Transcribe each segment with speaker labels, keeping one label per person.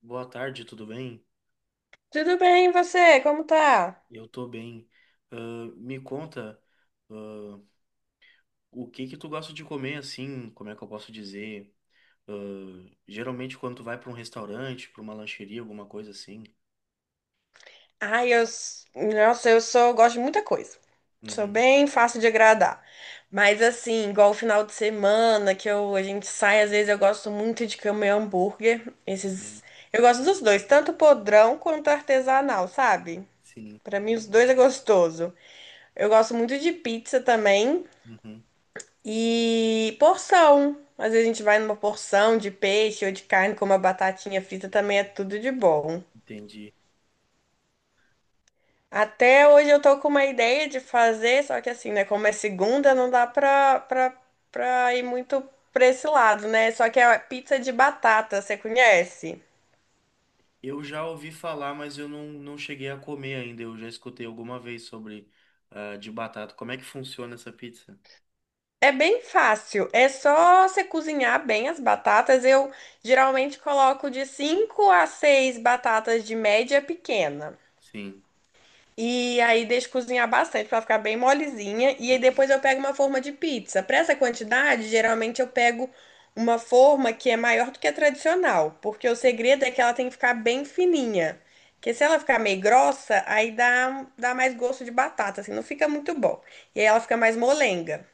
Speaker 1: Boa tarde, tudo bem?
Speaker 2: Tudo bem, e você? Como tá?
Speaker 1: Eu tô bem. Ah, me conta, ah, o que que tu gosta de comer assim? Como é que eu posso dizer? Ah, geralmente quando tu vai pra um restaurante, pra uma lancheria, alguma coisa assim.
Speaker 2: Ai, nossa, gosto de muita coisa. Sou
Speaker 1: Uhum,
Speaker 2: bem fácil de agradar. Mas assim, igual o final de semana que a gente sai, às vezes eu gosto muito de comer hambúrguer.
Speaker 1: sim,
Speaker 2: Eu gosto dos dois, tanto podrão quanto artesanal, sabe?
Speaker 1: sim.
Speaker 2: Pra mim os dois é gostoso. Eu gosto muito de pizza também
Speaker 1: Uhum,
Speaker 2: e porção. Às vezes a gente vai numa porção de peixe ou de carne com uma batatinha frita também é tudo de bom.
Speaker 1: entendi.
Speaker 2: Até hoje eu tô com uma ideia de fazer, só que assim, né? Como é segunda, não dá pra ir muito pra esse lado, né? Só que é a pizza de batata, você conhece?
Speaker 1: Eu já ouvi falar, mas eu não, não cheguei a comer ainda. Eu já escutei alguma vez sobre de batata. Como é que funciona essa pizza?
Speaker 2: É bem fácil, é só você cozinhar bem as batatas. Eu geralmente coloco de 5 a 6 batatas de média pequena.
Speaker 1: Sim.
Speaker 2: E aí deixo cozinhar bastante para ficar bem molezinha. E aí
Speaker 1: Uhum,
Speaker 2: depois eu pego uma forma de pizza. Para essa quantidade, geralmente eu pego uma forma que é maior do que a tradicional, porque o
Speaker 1: entendi.
Speaker 2: segredo é que ela tem que ficar bem fininha. Porque se ela ficar meio grossa, aí dá mais gosto de batata, assim, não fica muito bom. E aí ela fica mais molenga.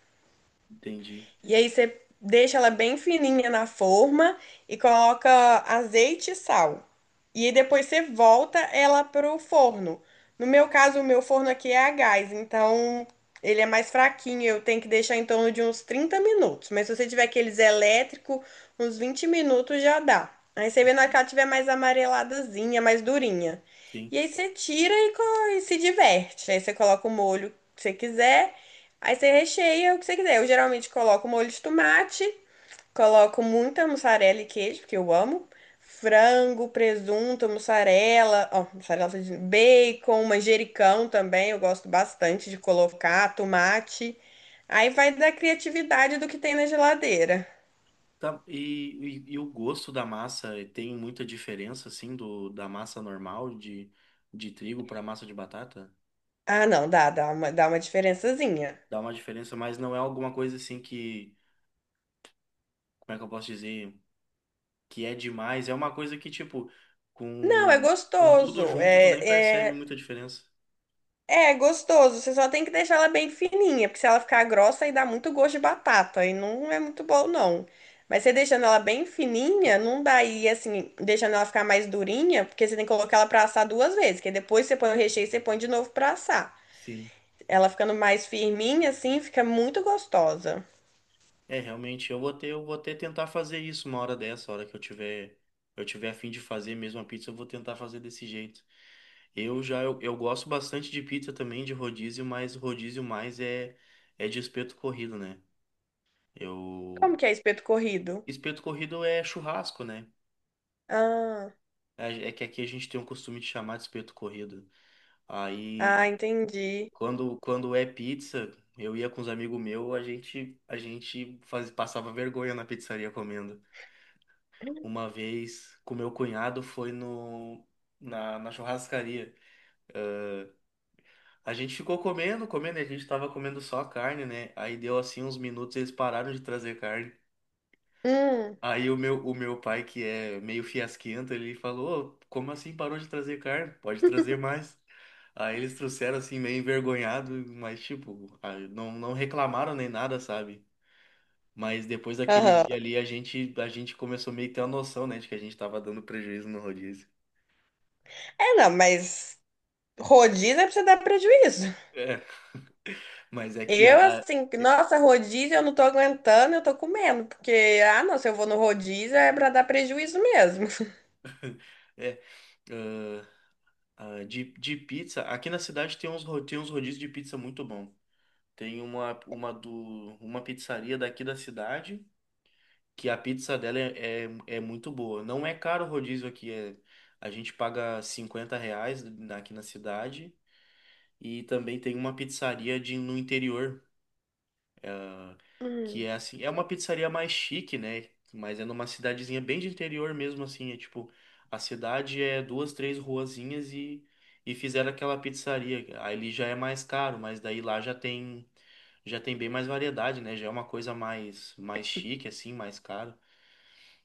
Speaker 1: Entendi.
Speaker 2: E aí você deixa ela bem fininha na forma e coloca azeite e sal. E aí depois você volta ela pro forno. No meu caso, o meu forno aqui é a gás, então ele é mais fraquinho, eu tenho que deixar em torno de uns 30 minutos. Mas se você tiver aqueles elétrico, uns 20 minutos já dá. Aí você vê na hora que
Speaker 1: Entendi.
Speaker 2: ela tiver mais amareladazinha, mais durinha.
Speaker 1: Sim.
Speaker 2: E aí você tira e se diverte. Aí você coloca o molho que você quiser. Aí você recheia o que você quiser. Eu geralmente coloco molho de tomate, coloco muita mussarela e queijo, porque eu amo. Frango, presunto, mussarela, ó, mussarela, tô dizendo, bacon, manjericão também, eu gosto bastante de colocar, tomate. Aí vai da criatividade do que tem na geladeira.
Speaker 1: Tá, e, e o gosto da massa, tem muita diferença, assim, da massa normal de trigo para massa de batata?
Speaker 2: Ah, não, dá uma diferençazinha.
Speaker 1: Dá uma diferença, mas não é alguma coisa assim que, como é que eu posso dizer, que é demais. É uma coisa que, tipo,
Speaker 2: Não, é
Speaker 1: com, com tudo
Speaker 2: gostoso.
Speaker 1: junto, tu nem percebe muita diferença.
Speaker 2: É gostoso, você só tem que deixar ela bem fininha, porque se ela ficar grossa aí dá muito gosto de batata e não é muito bom não. Mas você deixando ela bem fininha, não dá aí assim, deixando ela ficar mais durinha, porque você tem que colocar ela pra assar duas vezes, que aí depois você põe o recheio e você põe de novo pra assar.
Speaker 1: Sim.
Speaker 2: Ela ficando mais firminha assim, fica muito gostosa.
Speaker 1: É, realmente, eu vou até tentar fazer isso uma hora dessa, a hora que eu tiver a fim de fazer mesmo a pizza, eu vou tentar fazer desse jeito. Eu gosto bastante de pizza também, de rodízio, mas rodízio mais é de espeto corrido, né?
Speaker 2: Como
Speaker 1: Eu...
Speaker 2: que é espeto corrido?
Speaker 1: Espeto corrido é churrasco, né?
Speaker 2: Ah,
Speaker 1: É que aqui a gente tem o costume de chamar de espeto corrido.
Speaker 2: ah,
Speaker 1: Aí,
Speaker 2: entendi.
Speaker 1: quando é pizza, eu ia com os amigos meus, passava vergonha na pizzaria comendo. Uma vez com meu cunhado foi no, na, na churrascaria. A gente ficou comendo, comendo, e a gente tava comendo só carne, né? Aí deu assim uns minutos, eles pararam de trazer carne.
Speaker 2: Hum.
Speaker 1: Aí o meu pai, que é meio fiasquento, ele falou: "Ô, como assim parou de trazer carne? Pode trazer mais." Aí eles trouxeram assim, meio envergonhado, mas tipo, aí não, não reclamaram nem nada, sabe? Mas depois daquele
Speaker 2: Aham.
Speaker 1: dia ali, a gente começou meio que ter uma noção, né, de que a gente tava dando prejuízo no rodízio.
Speaker 2: É, não, mas rodízio é pra você dar prejuízo.
Speaker 1: É, mas é que
Speaker 2: Eu, assim,
Speaker 1: é,
Speaker 2: nossa, rodízio eu não tô aguentando, eu tô comendo, porque, ah, não, se eu vou no rodízio é pra dar prejuízo mesmo.
Speaker 1: é, ah, de pizza, aqui na cidade tem tem uns rodízios de pizza muito bom. Tem uma pizzaria daqui da cidade que a pizza dela é muito boa. Não é caro o rodízio aqui, a gente paga R$ 50 aqui na cidade. E também tem uma pizzaria de, no interior. Que
Speaker 2: Hum,
Speaker 1: é assim, é uma pizzaria mais chique, né? Mas é numa cidadezinha bem de interior mesmo, assim. É tipo, a cidade é duas, três ruazinhas e fizeram aquela pizzaria. Aí ele já é mais caro, mas daí lá já tem bem mais variedade, né? Já é uma coisa mais chique, assim, mais caro.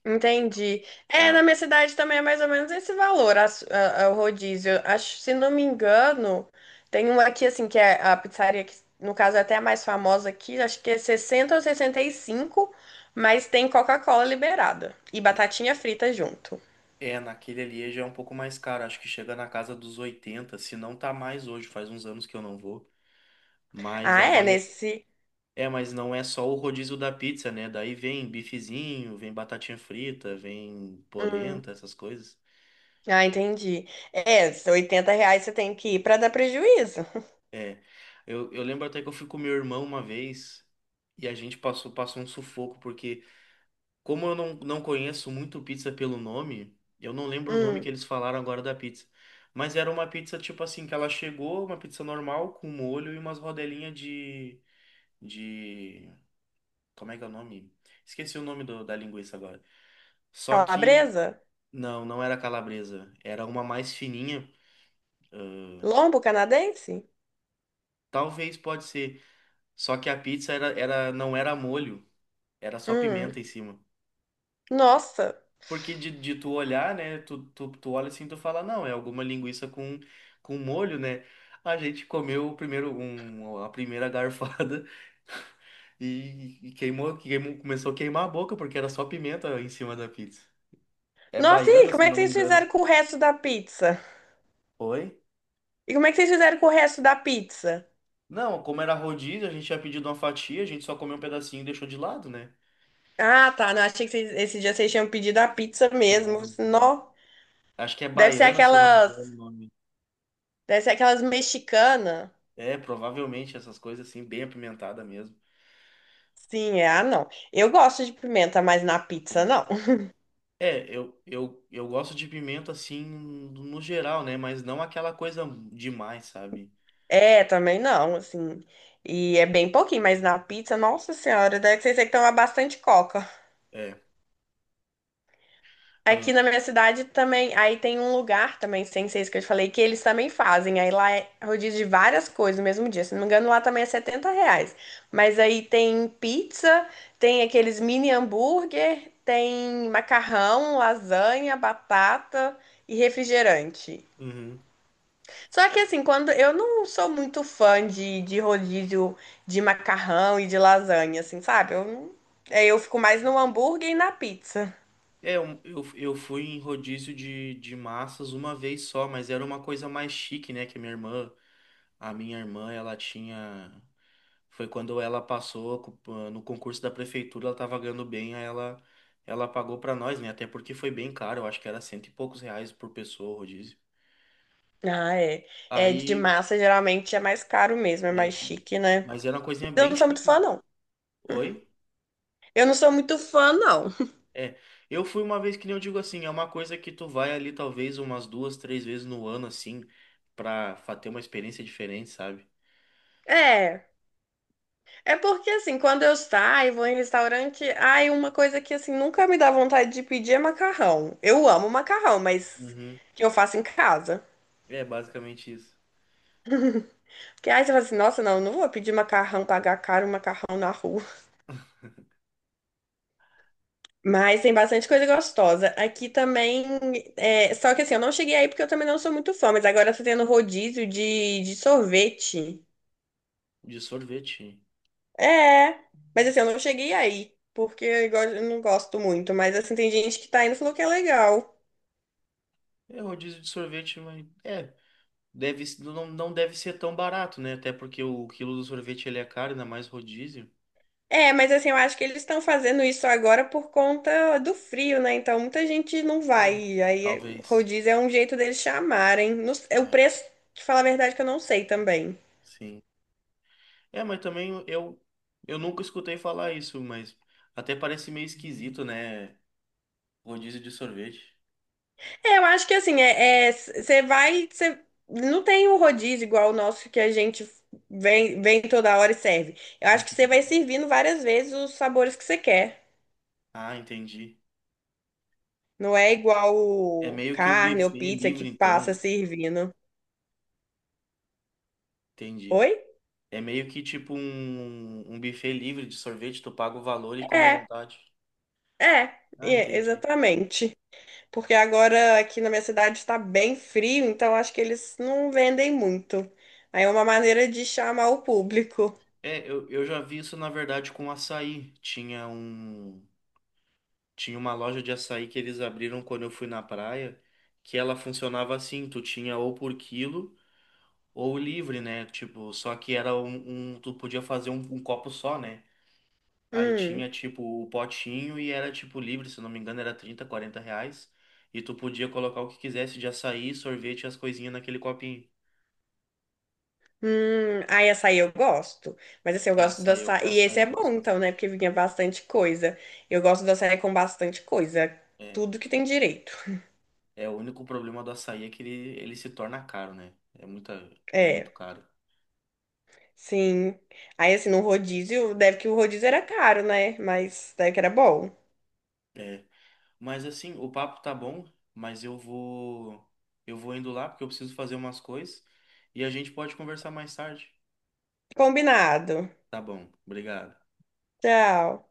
Speaker 2: entendi. É, na
Speaker 1: Ah,
Speaker 2: minha cidade também é mais ou menos esse valor, o rodízio. Acho, se não me engano, tem um aqui, assim, que é a pizzaria, que no caso é até a mais famosa aqui, acho que é 60 ou 65, mas tem Coca-Cola liberada e batatinha frita junto.
Speaker 1: é, naquele ali já é um pouco mais caro. Acho que chega na casa dos 80, se não tá mais hoje, faz uns anos que eu não vou. Mas
Speaker 2: Ah,
Speaker 1: a,
Speaker 2: é,
Speaker 1: vari...
Speaker 2: nesse.
Speaker 1: É, mas não é só o rodízio da pizza, né? Daí vem bifezinho, vem batatinha frita, vem
Speaker 2: Hum.
Speaker 1: polenta, essas coisas.
Speaker 2: Ah, entendi. É, se R$ 80 você tem que ir pra dar prejuízo.
Speaker 1: É, eu lembro até que eu fui com meu irmão uma vez e a gente passou um sufoco, porque como eu não, não conheço muito pizza pelo nome, eu não lembro o nome que
Speaker 2: Hum.
Speaker 1: eles falaram agora da pizza. Mas era uma pizza tipo assim, que ela chegou, uma pizza normal, com molho e umas rodelinhas de... Como é que é o nome? Esqueci o nome da linguiça agora. Só que...
Speaker 2: Calabresa?
Speaker 1: Não, não era calabresa. Era uma mais fininha.
Speaker 2: Lombo canadense?
Speaker 1: Talvez pode ser. Só que a pizza não era molho, era só pimenta
Speaker 2: Hum.
Speaker 1: em cima.
Speaker 2: Nossa.
Speaker 1: Porque de tu olhar, né? Tu olha assim, e tu fala, não, é alguma linguiça com molho, né? A gente comeu a primeira garfada e queimou, queimou, começou a queimar a boca, porque era só pimenta em cima da pizza. É
Speaker 2: Nossa, e aí,
Speaker 1: baiana,
Speaker 2: como
Speaker 1: se eu
Speaker 2: é que
Speaker 1: não me
Speaker 2: vocês fizeram
Speaker 1: engano.
Speaker 2: com o resto da pizza?
Speaker 1: Oi?
Speaker 2: E como é que vocês fizeram com o resto da pizza?
Speaker 1: Não, como era rodízio, a gente tinha pedido uma fatia, a gente só comeu um pedacinho e deixou de lado, né?
Speaker 2: Ah, tá. Não, achei que esse dia vocês tinham pedido a pizza mesmo.
Speaker 1: Não, não.
Speaker 2: Não.
Speaker 1: Acho que é
Speaker 2: Deve ser
Speaker 1: baiana, se eu não me
Speaker 2: aquelas.
Speaker 1: engano o nome.
Speaker 2: Deve ser aquelas mexicanas.
Speaker 1: É, provavelmente essas coisas assim, bem apimentada mesmo.
Speaker 2: Sim, é. Ah, não. Eu gosto de pimenta, mas na pizza
Speaker 1: Sim.
Speaker 2: não.
Speaker 1: É, eu gosto de pimenta assim, no geral, né? Mas não aquela coisa demais, sabe?
Speaker 2: É, também não, assim. E é bem pouquinho, mas na pizza, nossa senhora, deve ser que toma bastante coca.
Speaker 1: É.
Speaker 2: Aqui na minha cidade também, aí tem um lugar também, sem ser isso que eu te falei, que eles também fazem. Aí lá é rodízio de várias coisas no mesmo dia. Se não me engano, lá também é R$ 70. Mas aí tem pizza, tem aqueles mini hambúrguer, tem macarrão, lasanha, batata e refrigerante.
Speaker 1: Uhum.
Speaker 2: Só que assim, quando eu não sou muito fã de rodízio de macarrão e de lasanha, assim, sabe? Eu, não- É, eu fico mais no hambúrguer e na pizza.
Speaker 1: É, eu fui em rodízio de massas uma vez só, mas era uma coisa mais chique, né? Que a minha irmã, ela tinha. Foi quando ela passou no concurso da prefeitura, ela tava ganhando bem, aí ela pagou pra nós, né? Até porque foi bem caro, eu acho que era cento e poucos reais por pessoa o rodízio.
Speaker 2: Ah, é. É, de
Speaker 1: Aí,
Speaker 2: massa geralmente é mais caro mesmo, é
Speaker 1: é,
Speaker 2: mais
Speaker 1: e-
Speaker 2: chique, né?
Speaker 1: mas era uma coisinha
Speaker 2: Eu
Speaker 1: bem
Speaker 2: não sou muito
Speaker 1: chique.
Speaker 2: fã, não.
Speaker 1: Oi?
Speaker 2: Eu não sou muito fã, não.
Speaker 1: É, eu fui uma vez que nem eu digo assim, é uma coisa que tu vai ali talvez umas duas, três vezes no ano, assim, ter uma experiência diferente, sabe?
Speaker 2: É. É porque assim, quando eu saio, vou em restaurante, ai, uma coisa que assim nunca me dá vontade de pedir é macarrão. Eu amo macarrão, mas
Speaker 1: Uhum.
Speaker 2: que eu faço em casa.
Speaker 1: É basicamente isso.
Speaker 2: Que aí você fala assim, nossa, não, não vou pedir macarrão, pagar caro um macarrão na rua. Mas tem bastante coisa gostosa. Aqui também, é, só que assim, eu não cheguei aí porque eu também não sou muito fã, mas agora tá tendo rodízio de sorvete.
Speaker 1: De sorvete.
Speaker 2: É, mas assim, eu não cheguei aí, porque eu não gosto muito. Mas assim, tem gente que tá indo e falou que é legal.
Speaker 1: É rodízio de sorvete, mas. É. Deve, não, não deve ser tão barato, né? Até porque o quilo do sorvete ele é caro, ainda mais rodízio.
Speaker 2: É, mas assim, eu acho que eles estão fazendo isso agora por conta do frio, né? Então muita gente não
Speaker 1: É,
Speaker 2: vai. E aí
Speaker 1: talvez.
Speaker 2: rodízio é um jeito deles chamarem. Não s- É o
Speaker 1: É,
Speaker 2: preço, te falar a verdade, que eu não sei também.
Speaker 1: sim. É, mas também eu nunca escutei falar isso, mas até parece meio esquisito, né? Rodízio de sorvete.
Speaker 2: É, eu acho que assim, é, você vai. Cê, não tem o rodízio igual o nosso que a gente vem, vem toda hora e serve. Eu acho que você
Speaker 1: Entendi.
Speaker 2: vai servindo várias vezes os sabores que você quer.
Speaker 1: Ah, entendi.
Speaker 2: Não é igual
Speaker 1: É
Speaker 2: o
Speaker 1: meio que um
Speaker 2: carne ou
Speaker 1: buffet
Speaker 2: pizza que
Speaker 1: livre,
Speaker 2: passa
Speaker 1: então.
Speaker 2: servindo.
Speaker 1: Entendi.
Speaker 2: Oi?
Speaker 1: É meio que tipo um buffet livre de sorvete, tu paga o valor e come à
Speaker 2: É,
Speaker 1: vontade.
Speaker 2: é,
Speaker 1: Ah,
Speaker 2: é,
Speaker 1: entendi.
Speaker 2: exatamente. Porque agora aqui na minha cidade está bem frio, então acho que eles não vendem muito. Aí é uma maneira de chamar o público.
Speaker 1: É, eu já vi isso, na verdade, com açaí. Tinha um. Tinha uma loja de açaí que eles abriram quando eu fui na praia, que ela funcionava assim, tu tinha ou por quilo ou livre, né? Tipo, só que tu podia fazer um copo só, né? Aí
Speaker 2: Hum,
Speaker 1: tinha tipo o potinho e era tipo livre, se não me engano, era R$ 30, R$ 40. E tu podia colocar o que quisesse de açaí, sorvete e as coisinhas naquele copinho.
Speaker 2: Aí açaí eu gosto. Mas assim, eu
Speaker 1: É,
Speaker 2: gosto do
Speaker 1: açaí,
Speaker 2: açaí. E
Speaker 1: açaí
Speaker 2: esse
Speaker 1: eu
Speaker 2: é bom,
Speaker 1: gosto
Speaker 2: então, né?
Speaker 1: bastante.
Speaker 2: Porque vinha bastante coisa. Eu gosto do açaí com bastante coisa.
Speaker 1: É,
Speaker 2: Tudo que tem direito.
Speaker 1: é o único problema do açaí é que ele se torna caro, né? É é muito
Speaker 2: É,
Speaker 1: caro.
Speaker 2: sim. Aí assim, no rodízio, deve que o rodízio era caro, né? Mas deve que era bom.
Speaker 1: É. Mas assim, o papo tá bom, mas eu vou indo lá porque eu preciso fazer umas coisas e a gente pode conversar mais tarde.
Speaker 2: Combinado.
Speaker 1: Tá bom, obrigado.
Speaker 2: Tchau.